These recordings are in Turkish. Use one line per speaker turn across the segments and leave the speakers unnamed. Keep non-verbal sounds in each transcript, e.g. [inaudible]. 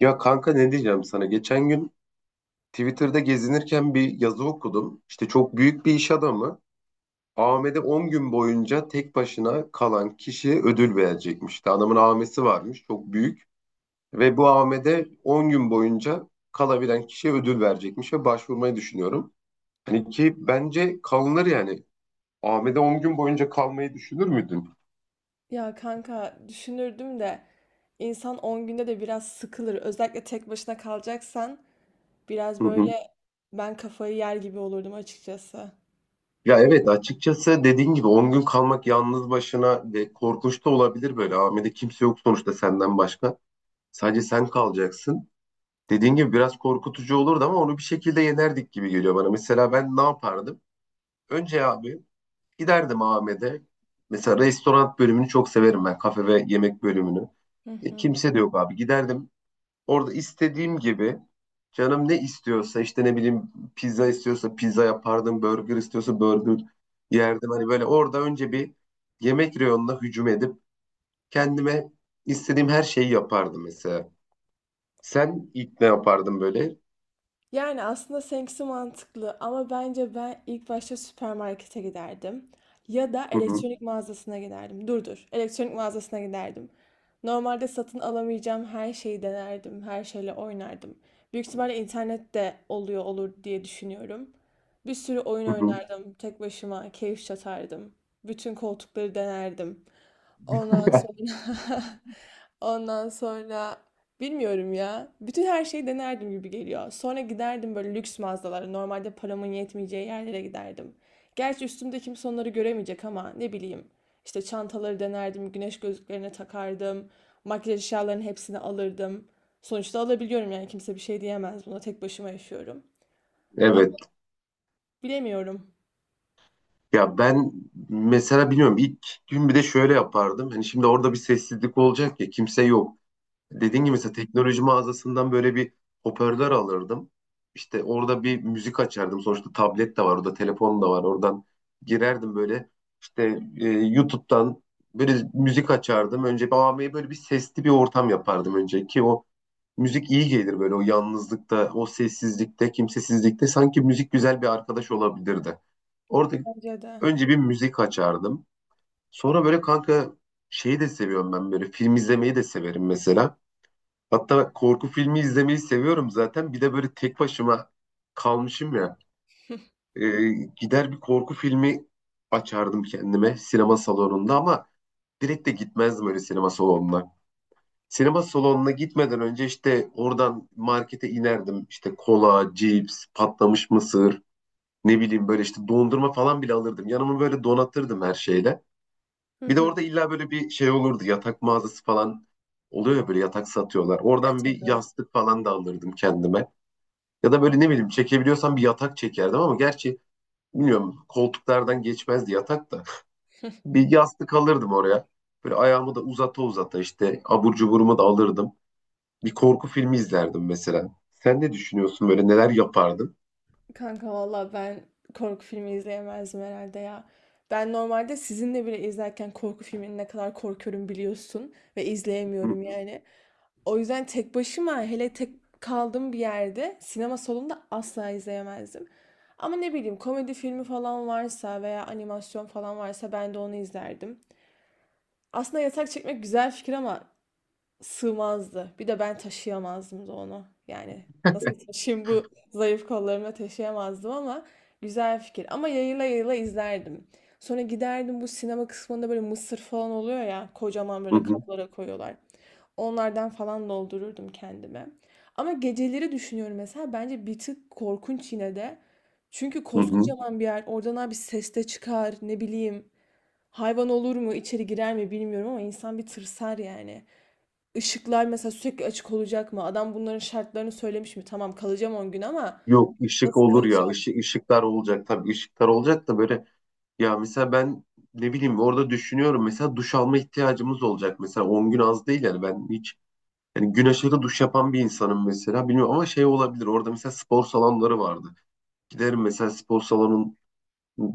Ya kanka ne diyeceğim sana? Geçen gün Twitter'da gezinirken bir yazı okudum. İşte çok büyük bir iş adamı Ahmet'e 10 gün boyunca tek başına kalan kişiye ödül verecekmiş. İşte adamın amesi varmış çok büyük ve bu Ahmet'e 10 gün boyunca kalabilen kişiye ödül verecekmiş ve başvurmayı düşünüyorum. Hani ki bence kalınır yani. Ahmet'e 10 gün boyunca kalmayı düşünür müydün?
Ya kanka düşünürdüm de insan 10 günde de biraz sıkılır. Özellikle tek başına kalacaksan biraz
Hı hı.
böyle ben kafayı yer gibi olurdum açıkçası.
Ya evet, açıkçası dediğin gibi 10 gün kalmak yalnız başına ve korkunç da olabilir böyle. Amede kimse yok sonuçta senden başka. Sadece sen kalacaksın. Dediğin gibi biraz korkutucu olurdu ama onu bir şekilde yenerdik gibi geliyor bana. Mesela ben ne yapardım? Önce abi giderdim Ahmet'e. Mesela restoran bölümünü çok severim ben. Kafe ve yemek bölümünü.
Hı
E,
hı.
kimse de yok abi. Giderdim. Orada istediğim gibi canım ne istiyorsa işte ne bileyim pizza istiyorsa pizza yapardım, burger istiyorsa burger yerdim. Hani böyle orada önce bir yemek reyonuna hücum edip kendime istediğim her şeyi yapardım mesela. Sen ilk ne yapardın böyle?
Yani aslında seninkisi mantıklı ama bence ben ilk başta süpermarkete giderdim. Ya da
Hı hı,
elektronik mağazasına giderdim. Dur dur, elektronik mağazasına giderdim. Normalde satın alamayacağım her şeyi denerdim, her şeyle oynardım. Büyük ihtimalle internette oluyor olur diye düşünüyorum. Bir sürü oyun
hı hı.
oynardım, tek başıma keyif çatardım. Bütün koltukları denerdim. Ondan
[laughs]
sonra [laughs] ondan sonra bilmiyorum ya. Bütün her şeyi denerdim gibi geliyor. Sonra giderdim böyle lüks mağazalara. Normalde paramın yetmeyeceği yerlere giderdim. Gerçi üstümde kimse onları göremeyecek ama ne bileyim. İşte çantaları denerdim, güneş gözlüklerine takardım. Makyaj eşyalarının hepsini alırdım. Sonuçta alabiliyorum yani kimse bir şey diyemez buna. Tek başıma yaşıyorum.
Evet.
Ama bilemiyorum.
Ya ben mesela bilmiyorum, ilk gün bir de şöyle yapardım. Hani şimdi orada bir sessizlik olacak ya, kimse yok. Dediğim gibi mesela
[laughs]
teknoloji mağazasından böyle bir hoparlör alırdım. İşte orada bir müzik açardım. Sonuçta tablet de var, orada telefon da var. Oradan girerdim böyle. İşte YouTube'dan böyle müzik açardım. Önce babamaya böyle bir sesli bir ortam yapardım önce ki o müzik iyi gelir böyle o yalnızlıkta, o sessizlikte, kimsesizlikte sanki müzik güzel bir arkadaş olabilirdi. Orada
Bence de.
önce bir müzik açardım. Sonra böyle kanka şeyi de seviyorum ben, böyle film izlemeyi de severim mesela. Hatta korku filmi izlemeyi seviyorum zaten. Bir de böyle tek başıma kalmışım ya. Ee, gider bir korku filmi açardım kendime sinema salonunda ama direkt de gitmezdim öyle sinema salonuna. Sinema salonuna gitmeden önce işte oradan markete inerdim. İşte kola, cips, patlamış mısır, ne bileyim böyle işte dondurma falan bile alırdım. Yanımı böyle donatırdım her şeyle. Bir de orada
[laughs]
illa böyle bir şey olurdu. Yatak mağazası falan oluyor ya, böyle yatak satıyorlar.
E
Oradan bir
tabii.
yastık falan da alırdım kendime. Ya da böyle ne bileyim çekebiliyorsam bir yatak çekerdim ama gerçi bilmiyorum, koltuklardan geçmezdi yatak da. Bir yastık alırdım oraya. Böyle ayağımı da uzata uzata işte abur cuburumu da alırdım. Bir korku filmi izlerdim mesela. Sen ne düşünüyorsun, böyle neler yapardın?
Kanka valla ben korku filmi izleyemezdim herhalde ya. Ben normalde sizinle bile izlerken korku filmini ne kadar korkuyorum biliyorsun ve
Hı
izleyemiyorum yani. O yüzden tek başıma hele tek kaldığım bir yerde sinema salonunda asla izleyemezdim. Ama ne bileyim komedi filmi falan varsa veya animasyon falan varsa ben de onu izlerdim. Aslında yatak çekmek güzel fikir ama sığmazdı. Bir de ben taşıyamazdım da onu. Yani nasıl taşıyayım bu zayıf kollarımla taşıyamazdım ama güzel fikir. Ama yayıla yayıla izlerdim. Sonra giderdim bu sinema kısmında böyle mısır falan oluyor ya kocaman
hı
böyle
hı.
kaplara koyuyorlar. Onlardan falan doldururdum kendime. Ama geceleri düşünüyorum mesela bence bir tık korkunç yine de. Çünkü
Hı hı.
koskocaman bir yer oradan abi ses de çıkar ne bileyim hayvan olur mu içeri girer mi bilmiyorum ama insan bir tırsar yani. Işıklar mesela sürekli açık olacak mı? Adam bunların şartlarını söylemiş mi? Tamam kalacağım 10 gün ama
Yok, ışık
nasıl
olur ya,
kalacağım?
ışık, ışıklar olacak, tabii ışıklar olacak da böyle, ya mesela ben ne bileyim orada düşünüyorum, mesela duş alma ihtiyacımız olacak, mesela 10 gün az değil yani, ben hiç, yani güneşe de duş yapan bir insanım mesela. Bilmiyorum ama şey olabilir. Orada mesela spor salonları vardı. Giderim mesela spor salonun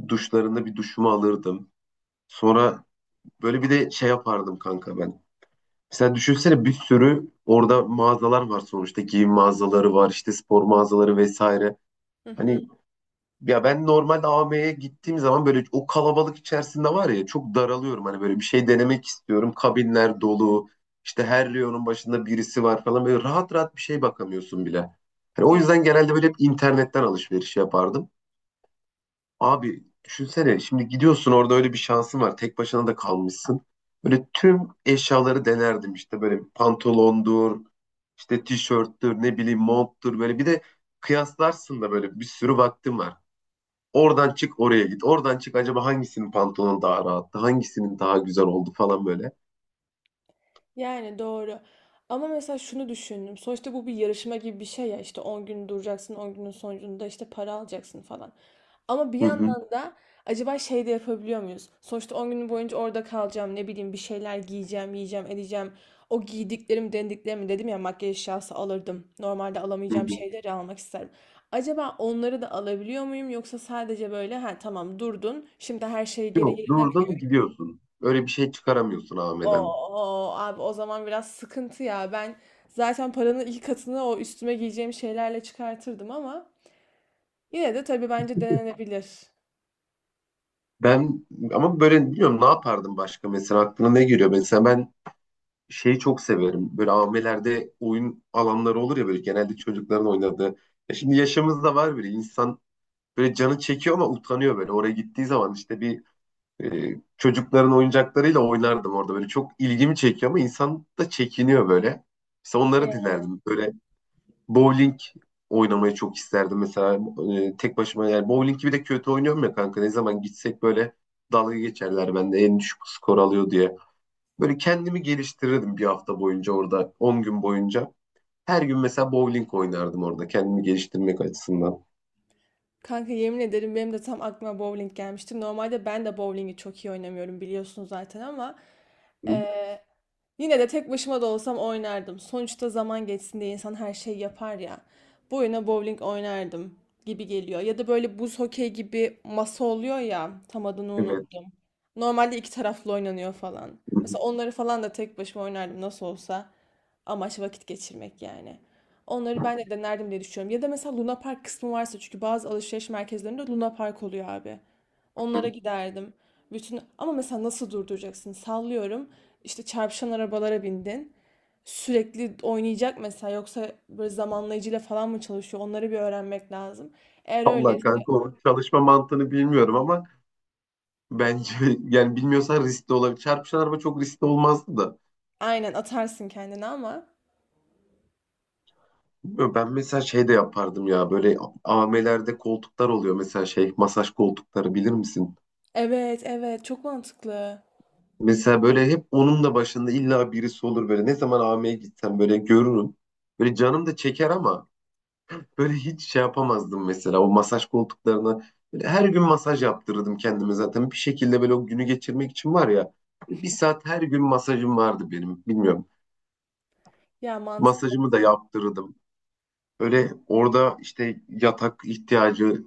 duşlarında bir duşumu alırdım. Sonra böyle bir de şey yapardım kanka ben. Mesela düşünsene, bir sürü orada mağazalar var sonuçta. Giyim mağazaları var, işte spor mağazaları vesaire.
Hı hı.
Hani ya ben normalde AVM'ye gittiğim zaman böyle o kalabalık içerisinde var ya çok daralıyorum. Hani böyle bir şey denemek istiyorum. Kabinler dolu. İşte her reyonun başında birisi var falan. Böyle rahat rahat bir şey bakamıyorsun bile. Hani o yüzden genelde böyle hep internetten alışveriş yapardım. Abi düşünsene, şimdi gidiyorsun orada, öyle bir şansın var. Tek başına da kalmışsın. Böyle tüm eşyaları denerdim işte, böyle pantolondur, işte tişörttür, ne bileyim monttur, böyle bir de kıyaslarsın da böyle, bir sürü vaktim var. Oradan çık oraya git. Oradan çık, acaba hangisinin pantolonu daha rahattı? Hangisinin daha güzel oldu falan böyle.
Yani doğru. Ama mesela şunu düşündüm. Sonuçta bu bir yarışma gibi bir şey ya. İşte 10 gün duracaksın, 10 günün sonucunda işte para alacaksın falan. Ama bir
Hı hı,
yandan da acaba şey de yapabiliyor muyuz? Sonuçta 10 gün boyunca orada kalacağım, ne bileyim bir şeyler giyeceğim, yiyeceğim, edeceğim. O giydiklerim, denediklerimi dedim ya makyaj eşyası alırdım. Normalde
hı
alamayacağım
hı.
şeyleri almak isterim. Acaba onları da alabiliyor muyum yoksa sadece böyle ha tamam durdun, şimdi her şeyi geri
Yok,
yerine
durdun
koy.
gidiyorsun. Öyle bir şey çıkaramıyorsun Ahmet'ten.
Oo abi o zaman biraz sıkıntı ya. Ben zaten paranın iki katını o üstüme giyeceğim şeylerle çıkartırdım ama yine de tabii bence denenebilir.
Ben ama böyle bilmiyorum ne yapardım başka, mesela aklına ne geliyor? Mesela ben şeyi çok severim. Böyle AVM'lerde oyun alanları olur ya böyle, genelde çocukların oynadığı. Ya şimdi yaşımız da var bile, insan böyle canı çekiyor ama utanıyor böyle. Oraya gittiği zaman işte bir çocukların oyuncaklarıyla oynardım orada. Böyle çok ilgimi çekiyor ama insan da çekiniyor böyle. İşte onları dinlerdim. Böyle bowling oynamayı çok isterdim mesela. Tek başıma yani, bowling gibi de kötü oynuyorum ya kanka. Ne zaman gitsek böyle dalga geçerler bende en düşük skor alıyor diye. Böyle kendimi geliştirirdim bir hafta boyunca orada. 10 gün boyunca. Her gün mesela bowling oynardım orada kendimi geliştirmek açısından.
Kanka yemin ederim benim de tam aklıma bowling gelmişti. Normalde ben de bowlingi çok iyi oynamıyorum biliyorsunuz zaten ama
Hı.
eee, yine de tek başıma da olsam oynardım. Sonuçta zaman geçsin diye insan her şeyi yapar ya. Bu oyuna bowling oynardım gibi geliyor. Ya da böyle buz hokey gibi masa oluyor ya tam adını
Evet.
unuttum. Normalde iki taraflı oynanıyor falan.
Hı
Mesela onları falan da tek başıma oynardım nasıl olsa. Amaç vakit geçirmek yani. Onları ben de denerdim diye düşünüyorum. Ya da mesela Luna Park kısmı varsa çünkü bazı alışveriş merkezlerinde Luna Park oluyor abi. Onlara
hı.
giderdim. Bütün ama mesela nasıl durduracaksın? Sallıyorum. İşte çarpışan arabalara bindin. Sürekli oynayacak mesela yoksa böyle zamanlayıcıyla falan mı çalışıyor? Onları bir öğrenmek lazım. Eğer
Vallahi
öyleyse
kanka o çalışma mantığını bilmiyorum ama bence, [laughs] yani bilmiyorsan riskli olabilir. Çarpışan araba çok riskli olmazdı da.
aynen atarsın kendini ama
Bilmiyorum, ben mesela şey de yapardım ya, böyle AVM'lerde koltuklar oluyor, mesela şey masaj koltukları, bilir misin?
evet evet çok mantıklı.
Mesela böyle hep onun da başında illa birisi olur, böyle ne zaman AVM'ye gitsem böyle görürüm. Böyle canım da çeker ama böyle hiç şey yapamazdım mesela o masaj koltuklarına. Böyle her gün masaj yaptırırdım kendime, zaten bir şekilde böyle o günü geçirmek için var ya. Bir saat her gün masajım vardı benim, bilmiyorum.
Ya mantıklı.
Masajımı da yaptırırdım. Öyle orada işte yatak ihtiyacı,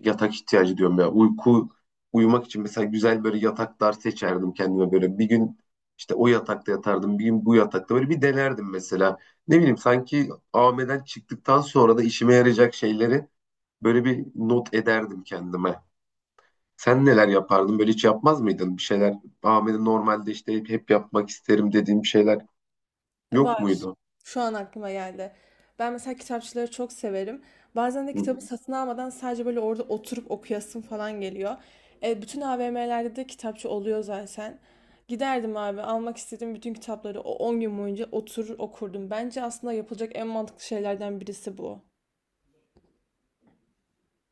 yatak ihtiyacı diyorum ya. Uyku, uyumak için mesela güzel böyle yataklar seçerdim kendime böyle. Bir gün işte o yatakta yatardım, bir gün bu yatakta, böyle bir denerdim mesela. Ne bileyim sanki AVM'den çıktıktan sonra da işime yarayacak şeyleri böyle bir not ederdim kendime. Sen neler yapardın? Böyle hiç yapmaz mıydın bir şeyler? AVM'de normalde işte hep yapmak isterim dediğim şeyler yok
Var.
muydu?
Şu an aklıma geldi. Ben mesela kitapçıları çok severim. Bazen de
Hı hı.
kitabı satın almadan sadece böyle orada oturup okuyasım falan geliyor. E, bütün AVM'lerde de kitapçı oluyor zaten. Giderdim abi almak istediğim bütün kitapları o 10 gün boyunca oturur okurdum. Bence aslında yapılacak en mantıklı şeylerden birisi bu.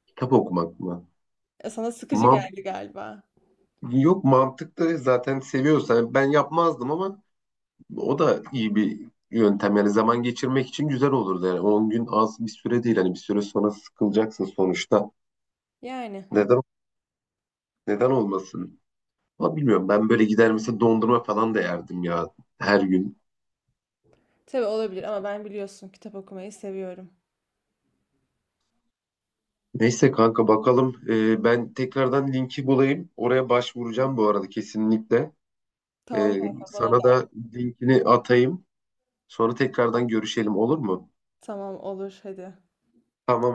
Kitap okumak mı?
E, sana sıkıcı geldi galiba.
Yok mantıklı, zaten seviyorsan ben yapmazdım ama o da iyi bir yöntem yani, zaman geçirmek için güzel olurdu yani, 10 gün az bir süre değil, hani bir süre sonra sıkılacaksın sonuçta,
Yani.
neden neden olmasın. Ama bilmiyorum, ben böyle gider mesela dondurma falan da yerdim ya, her gün.
Tabii olabilir ama ben biliyorsun kitap okumayı seviyorum.
Neyse kanka bakalım. Ben tekrardan linki bulayım, oraya başvuracağım bu arada kesinlikle.
Tamam
Ee,
kanka bana
sana
da.
da linkini atayım, sonra tekrardan görüşelim, olur mu?
Tamam olur hadi.
Tamam.